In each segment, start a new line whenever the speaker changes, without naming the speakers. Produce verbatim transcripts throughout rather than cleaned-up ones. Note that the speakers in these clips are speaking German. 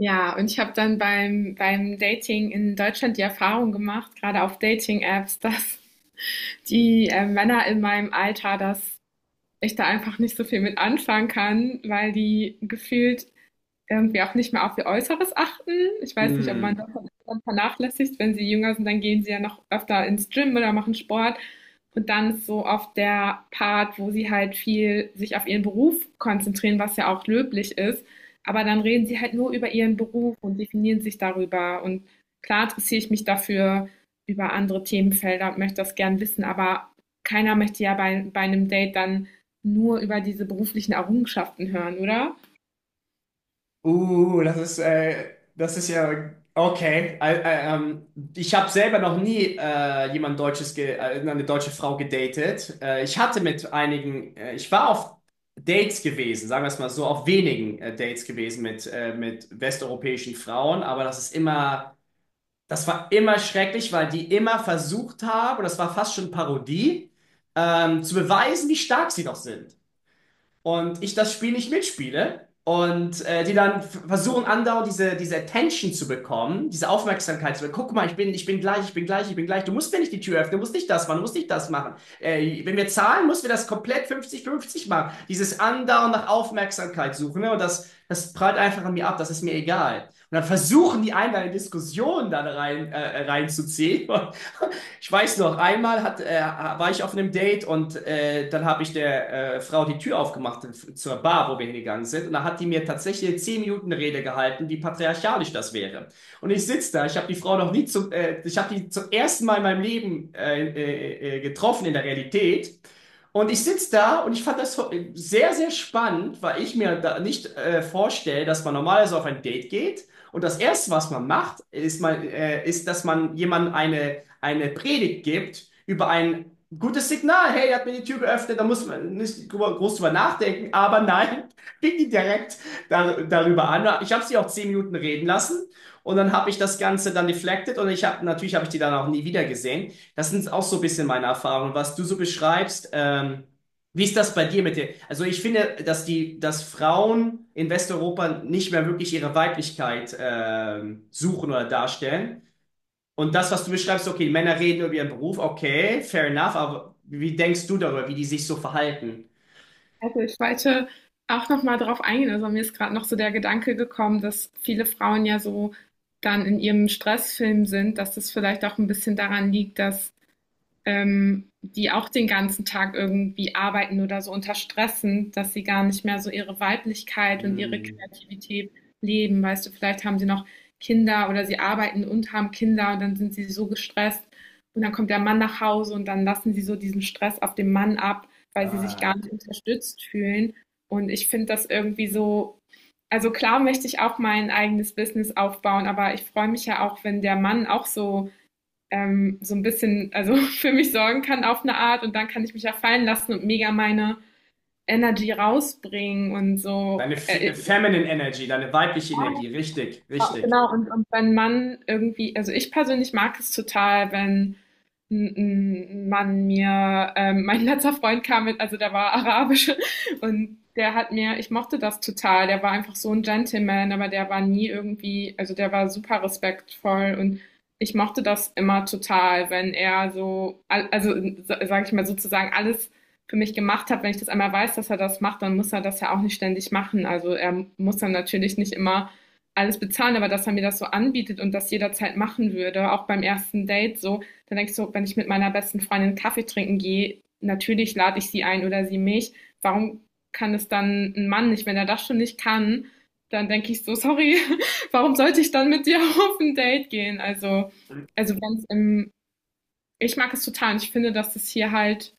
Ja, und ich habe dann beim beim Dating in Deutschland die Erfahrung gemacht, gerade auf Dating-Apps, dass die, äh, Männer in meinem Alter, dass ich da einfach nicht so viel mit anfangen kann, weil die gefühlt irgendwie auch nicht mehr auf ihr Äußeres achten. Ich weiß nicht, ob man
Mm.
das dann vernachlässigt. Wenn sie jünger sind, dann gehen sie ja noch öfter ins Gym oder machen Sport. Und dann ist so oft der Part, wo sie halt viel sich auf ihren Beruf konzentrieren, was ja auch löblich ist. Aber dann reden sie halt nur über ihren Beruf und definieren sich darüber. Und klar interessiere ich mich dafür über andere Themenfelder und möchte das gern wissen. Aber keiner möchte ja bei, bei einem Date dann nur über diese beruflichen Errungenschaften hören, oder?
Uh, das ist, äh, das ist ja okay. Ä- ä- ähm, ich habe selber noch nie äh, jemand Deutsches, ge äh, eine deutsche Frau gedatet. Äh, ich hatte mit einigen, äh, Ich war auf Dates gewesen, sagen wir es mal so, auf wenigen äh, Dates gewesen mit, äh, mit westeuropäischen Frauen, aber das ist immer, das war immer schrecklich, weil die immer versucht haben, und das war fast schon Parodie, ähm, zu beweisen, wie stark sie doch sind. Und ich das Spiel nicht mitspiele, und äh, die dann f- versuchen, andauernd diese, diese Attention zu bekommen, diese Aufmerksamkeit zu bekommen. Guck mal, ich bin, ich bin gleich, ich bin gleich, ich bin gleich. Du musst mir nicht die Tür öffnen, du musst nicht das machen, du musst nicht das machen. Äh, wenn wir zahlen, müssen wir das komplett fünfzig fünfzig machen. Dieses andauernd nach Aufmerksamkeit suchen, ne? Und das, das prallt einfach an mir ab, das ist mir egal. Und dann versuchen die einen, eine Diskussion dann rein, äh, reinzuziehen. Ich weiß noch, einmal hat, äh, war ich auf einem Date, und äh, dann habe ich der äh, Frau die Tür aufgemacht f- zur Bar, wo wir hingegangen sind. Und da hat die mir tatsächlich eine zehn Minuten Rede gehalten, wie patriarchalisch das wäre. Und ich sitze da, ich habe die Frau noch nie zum, äh, ich habe die zum ersten Mal in meinem Leben äh, äh, äh, getroffen in der Realität. Und ich sitze da, und ich fand das so- äh, sehr, sehr spannend, weil ich mir da nicht äh, vorstelle, dass man normalerweise auf ein Date geht. Und das Erste, was man macht, ist, man, äh, ist, dass man jemandem eine eine Predigt gibt über ein gutes Signal. Hey, er hat mir die Tür geöffnet, da muss man nicht groß drüber nachdenken. Aber nein, fing die direkt dar darüber an. Ich habe sie auch zehn Minuten reden lassen, und dann habe ich das Ganze dann deflected, und ich habe natürlich habe ich die dann auch nie wieder gesehen. Das sind auch so ein bisschen meine Erfahrungen, was du so beschreibst. Ähm, wie ist das bei dir, mit dir? Also ich finde, dass die, dass Frauen in Westeuropa nicht mehr wirklich ihre Weiblichkeit ähm, suchen oder darstellen. Und das, was du beschreibst, okay, Männer reden über ihren Beruf, okay, fair enough, aber wie denkst du darüber, wie die sich so verhalten?
Also ich wollte auch noch mal drauf eingehen. Also mir ist gerade noch so der Gedanke gekommen, dass viele Frauen ja so dann in ihrem Stressfilm sind, dass das vielleicht auch ein bisschen daran liegt, dass ähm, die auch den ganzen Tag irgendwie arbeiten oder so unter Stress sind, dass sie gar nicht mehr so ihre Weiblichkeit und ihre
Hm.
Kreativität leben. Weißt du, vielleicht haben sie noch Kinder oder sie arbeiten und haben Kinder und dann sind sie so gestresst und dann kommt der Mann nach Hause und dann lassen sie so diesen Stress auf den Mann ab, weil sie sich gar
Ah.
nicht unterstützt fühlen. Und ich finde das irgendwie so, also klar möchte ich auch mein eigenes Business aufbauen, aber ich freue mich ja auch, wenn der Mann auch so ähm, so ein bisschen, also für mich sorgen kann auf eine Art, und dann kann ich mich ja fallen lassen und mega meine Energy rausbringen und so.
Deine fe- äh,
Äh,
Feminine Energy, deine weibliche Energie, richtig, richtig.
genau, und, und wenn man irgendwie, also ich persönlich mag es total, wenn N- Mann mir, ähm, mein letzter Freund kam mit, also der war arabisch, und der hat mir, ich mochte das total, der war einfach so ein Gentleman, aber der war nie irgendwie, also der war super respektvoll, und ich mochte das immer total, wenn er so, al- also sage ich mal sozusagen alles für mich gemacht hat. Wenn ich das einmal weiß, dass er das macht, dann muss er das ja auch nicht ständig machen. Also er muss dann natürlich nicht immer alles bezahlen, aber dass er mir das so anbietet und das jederzeit machen würde, auch beim ersten Date, so dann denke ich so, wenn ich mit meiner besten Freundin Kaffee trinken gehe, natürlich lade ich sie ein oder sie mich. Warum kann es dann ein Mann nicht? Wenn er das schon nicht kann, dann denke ich so, sorry, warum sollte ich dann mit dir auf ein Date gehen? Also, also wenn's im, ich mag es total, und ich finde, dass es hier halt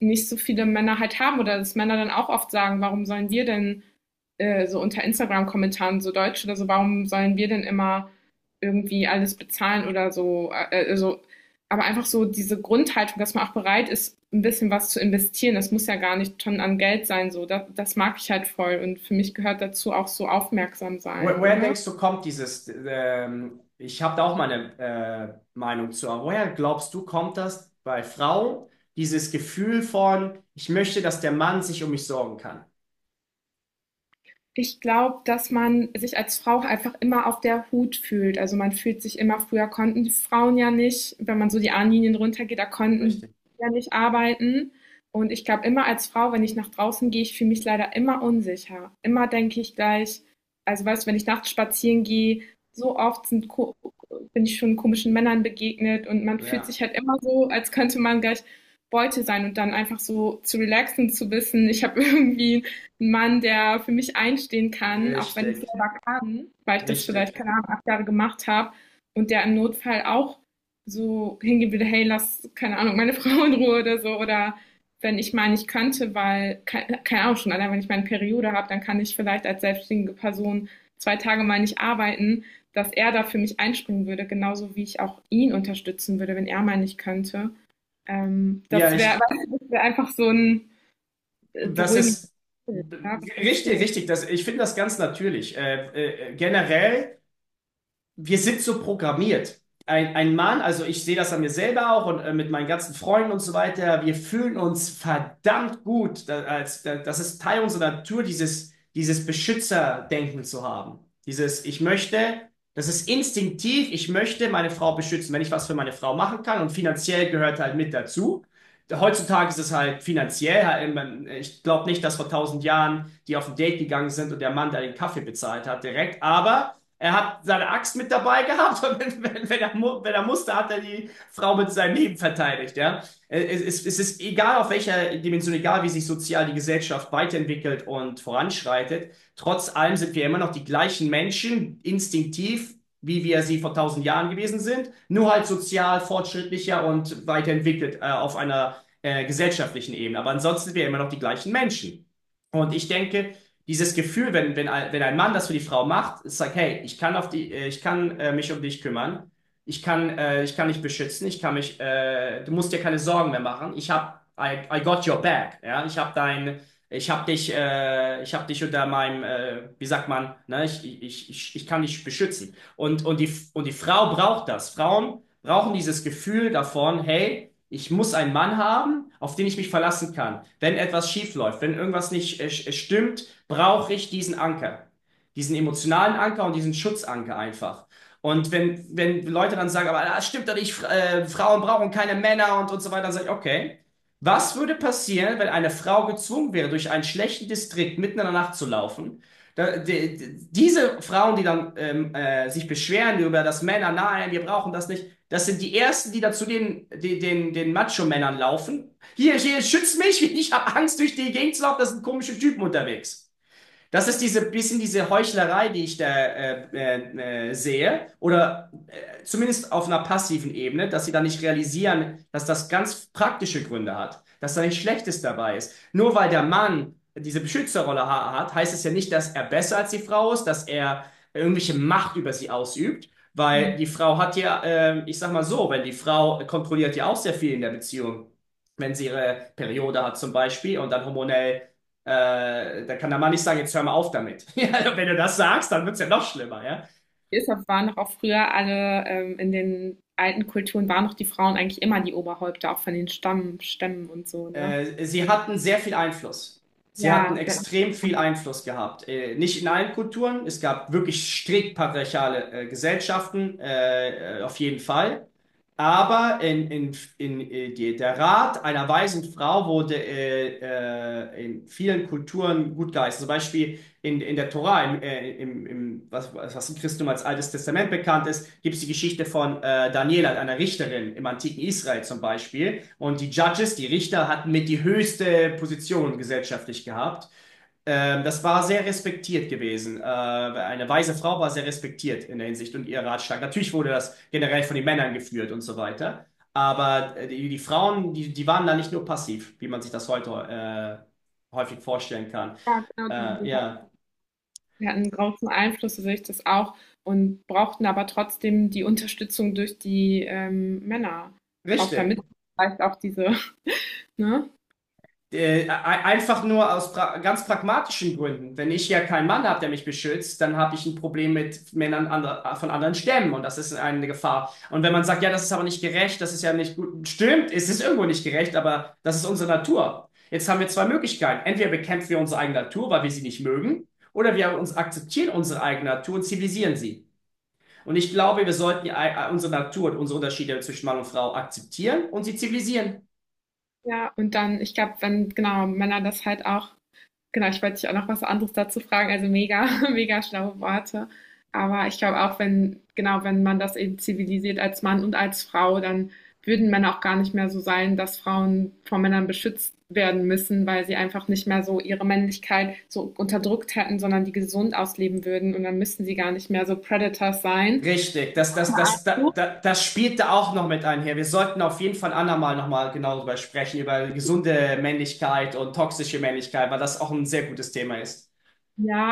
nicht so viele Männer halt haben, oder dass Männer dann auch oft sagen, warum sollen wir denn äh, so unter Instagram-Kommentaren, so Deutsche oder so, warum sollen wir denn immer irgendwie alles bezahlen oder so, äh, äh, so, aber einfach so diese Grundhaltung, dass man auch bereit ist, ein bisschen was zu investieren. Das muss ja gar nicht schon an Geld sein, so. Das, das mag ich halt voll. Und für mich gehört dazu auch so aufmerksam
Woher,
sein,
woher
oder?
denkst du, kommt dieses, ähm, ich habe da auch meine äh, Meinung zu, aber woher glaubst du, kommt das bei Frauen, dieses Gefühl von, ich möchte, dass der Mann sich um mich sorgen kann?
Ich glaube, dass man sich als Frau einfach immer auf der Hut fühlt. Also man fühlt sich immer, früher konnten die Frauen ja nicht, wenn man so die Ahnenlinien runtergeht, da konnten
Richtig,
die ja nicht arbeiten. Und ich glaube, immer als Frau, wenn ich nach draußen gehe, ich fühle mich leider immer unsicher. Immer denke ich gleich, also weißt du, wenn ich nachts spazieren gehe, so oft sind, ko- bin ich schon komischen Männern begegnet, und man fühlt
ja,
sich halt immer so, als könnte man gleich Beute sein. Und dann einfach so zu relaxen, zu wissen, ich habe irgendwie ein Mann, der für mich einstehen kann, auch wenn ich
richtig,
selber kann, weil ich das vielleicht,
richtig.
keine Ahnung, acht Jahre gemacht habe, und der im Notfall auch so hingehen würde, hey, lass, keine Ahnung, meine Frau in Ruhe oder so, oder wenn ich mal nicht könnte, weil, keine keine Ahnung, schon allein wenn ich meine Periode habe, dann kann ich vielleicht als selbstständige Person zwei Tage mal nicht arbeiten, dass er da für mich einspringen würde, genauso wie ich auch ihn unterstützen würde, wenn er mal nicht könnte. Ähm,
Ja,
das wäre
ich.
wär einfach so ein, äh,
Das
beruhigendes
ist
Gefühl, oder? Was denkst
richtig,
du?
richtig. Das, ich finde das ganz natürlich. Äh, äh, generell, wir sind so programmiert. Ein, ein Mann, also ich sehe das an mir selber auch und äh, mit meinen ganzen Freunden und so weiter, wir fühlen uns verdammt gut. Da, als, da, das ist Teil unserer Natur, dieses, dieses Beschützerdenken zu haben. Dieses, ich möchte, das ist instinktiv, ich möchte meine Frau beschützen, wenn ich was für meine Frau machen kann, und finanziell gehört halt mit dazu. Heutzutage ist es halt finanziell, halt, man- ich glaube nicht, dass vor tausend Jahren die auf ein Date gegangen sind und der Mann da den Kaffee bezahlt hat direkt, aber. Er hat seine Axt mit dabei gehabt, und wenn, wenn, wenn, er, mu- wenn er musste, hat er die Frau mit seinem Leben verteidigt. Ja? Äh, Es, es, es ist egal, auf welcher Dimension, egal wie sich sozial die Gesellschaft weiterentwickelt und voranschreitet, trotz allem sind wir immer noch die gleichen Menschen, instinktiv, wie wir sie vor tausend Jahren gewesen sind, nur halt sozial fortschrittlicher und weiterentwickelt, äh, auf einer äh, gesellschaftlichen Ebene. Aber ansonsten sind wir immer noch die gleichen Menschen. Und ich denke, dieses Gefühl, wenn, wenn, ein, wenn ein Mann das für die Frau macht, ist like, hey, ich kann auf die, äh, ich kann äh, mich um dich kümmern, ich kann, äh, ich kann dich beschützen, ich kann mich, äh, du musst dir keine Sorgen mehr machen. Ich habe, I, I got your back, ja, ich habe dein, ich habe dich, äh, ich habe dich unter meinem, äh, wie sagt man, ne, ich, ich, ich, ich kann dich beschützen. Und, und die, und die Frau braucht das. Frauen brauchen dieses Gefühl davon, hey, ich muss einen Mann haben, auf den ich mich verlassen kann. Wenn etwas schief läuft, wenn irgendwas nicht äh, stimmt, brauche ich diesen Anker. Diesen emotionalen Anker und diesen Schutzanker einfach. Und wenn, wenn Leute dann sagen, aber das stimmt doch nicht, äh, Frauen brauchen keine Männer und, und so weiter, dann sage ich, okay. Was würde passieren, wenn eine Frau gezwungen wäre, durch einen schlechten Distrikt mitten in der Nacht zu laufen? Da, die, die- diese Frauen, die dann ähm, äh, sich beschweren über das Männer, nein, wir brauchen das nicht, das sind die ersten, die dann zu den, die, den, den Macho-Männern laufen. Hier, hier, schütz mich, ich habe Angst, durch die Gegend zu laufen, das sind komische Typen unterwegs. Das ist diese bisschen diese Heuchlerei, die ich da äh, äh, äh, sehe, oder äh, zumindest auf einer passiven Ebene, dass sie da nicht realisieren, dass das ganz praktische Gründe hat, dass da nichts Schlechtes dabei ist. Nur weil der Mann diese Beschützerrolle ha hat, heißt es ja nicht, dass er besser als die Frau ist, dass er irgendwelche Macht über sie ausübt, weil die Frau hat ja, äh, ich sag mal so, wenn die Frau kontrolliert ja auch sehr viel in der Beziehung, wenn sie ihre Periode hat zum Beispiel und dann hormonell, äh, da kann der Mann nicht sagen, jetzt hör mal auf damit. Wenn du das sagst, dann wird's ja noch schlimmer, ja.
Deshalb waren doch auch früher alle ähm, in den alten Kulturen waren doch die Frauen eigentlich immer die Oberhäupter, auch von den Stamm, Stämmen und so, ne?
Äh, sie hatten sehr viel Einfluss. Sie hatten
Ja, ja,
extrem viel Einfluss gehabt. Äh, nicht in allen Kulturen. Es gab wirklich strikt patriarchale äh, Gesellschaften, äh, äh, auf jeden Fall. Aber in, in, in, äh, die, der Rat einer weisen Frau wurde äh, äh, in vielen Kulturen gut geheißen. Zum Beispiel in, in der Tora, im, äh, im, im, was, was im Christentum als Altes Testament bekannt ist, gibt es die Geschichte von äh, Daniela, einer Richterin im antiken Israel zum Beispiel, und die Judges, die Richter, hatten mit die höchste Position gesellschaftlich gehabt. Ähm, das war sehr respektiert gewesen. Äh, eine weise Frau war sehr respektiert in der Hinsicht, und ihr Ratschlag. Natürlich wurde das generell von den Männern geführt und so weiter. Aber äh, die, die Frauen, die, die waren da nicht nur passiv, wie man sich das heute äh, häufig vorstellen kann.
ja, genau, die,
Äh,
die
ja,
hatten, die hatten großen Einfluss durch das auch, und brauchten aber trotzdem die Unterstützung durch die ähm, Männer, auch damit
richtig.
vielleicht auch diese, ne?
Äh, e- einfach nur aus pra ganz pragmatischen Gründen. Wenn ich ja keinen Mann habe, der mich beschützt, dann habe ich ein Problem mit Männern ander von anderen Stämmen, und das ist eine Gefahr. Und wenn man sagt, ja, das ist aber nicht gerecht, das ist ja nicht gut, stimmt, es ist irgendwo nicht gerecht, aber das ist unsere Natur. Jetzt haben wir zwei Möglichkeiten. Entweder bekämpfen wir unsere eigene Natur, weil wir sie nicht mögen, oder wir uns akzeptieren unsere eigene Natur und zivilisieren sie. Und ich glaube, wir sollten äh, unsere Natur und unsere Unterschiede zwischen Mann und Frau akzeptieren und sie zivilisieren.
Ja, und dann, ich glaube, wenn genau Männer das halt auch. Genau, ich wollte dich auch noch was anderes dazu fragen. Also mega, mega schlaue Worte. Aber ich glaube auch, wenn, genau, wenn man das eben zivilisiert als Mann und als Frau, dann würden Männer auch gar nicht mehr so sein, dass Frauen von Männern beschützt werden müssen, weil sie einfach nicht mehr so ihre Männlichkeit so unterdrückt hätten, sondern die gesund ausleben würden. Und dann müssten sie gar nicht mehr so Predators sein.
Richtig, das, das, das, das, das, das spielt da auch noch mit einher. Wir sollten auf jeden Fall andermal nochmal genau darüber sprechen, über gesunde Männlichkeit und toxische Männlichkeit, weil das auch ein sehr gutes Thema ist.
Ja,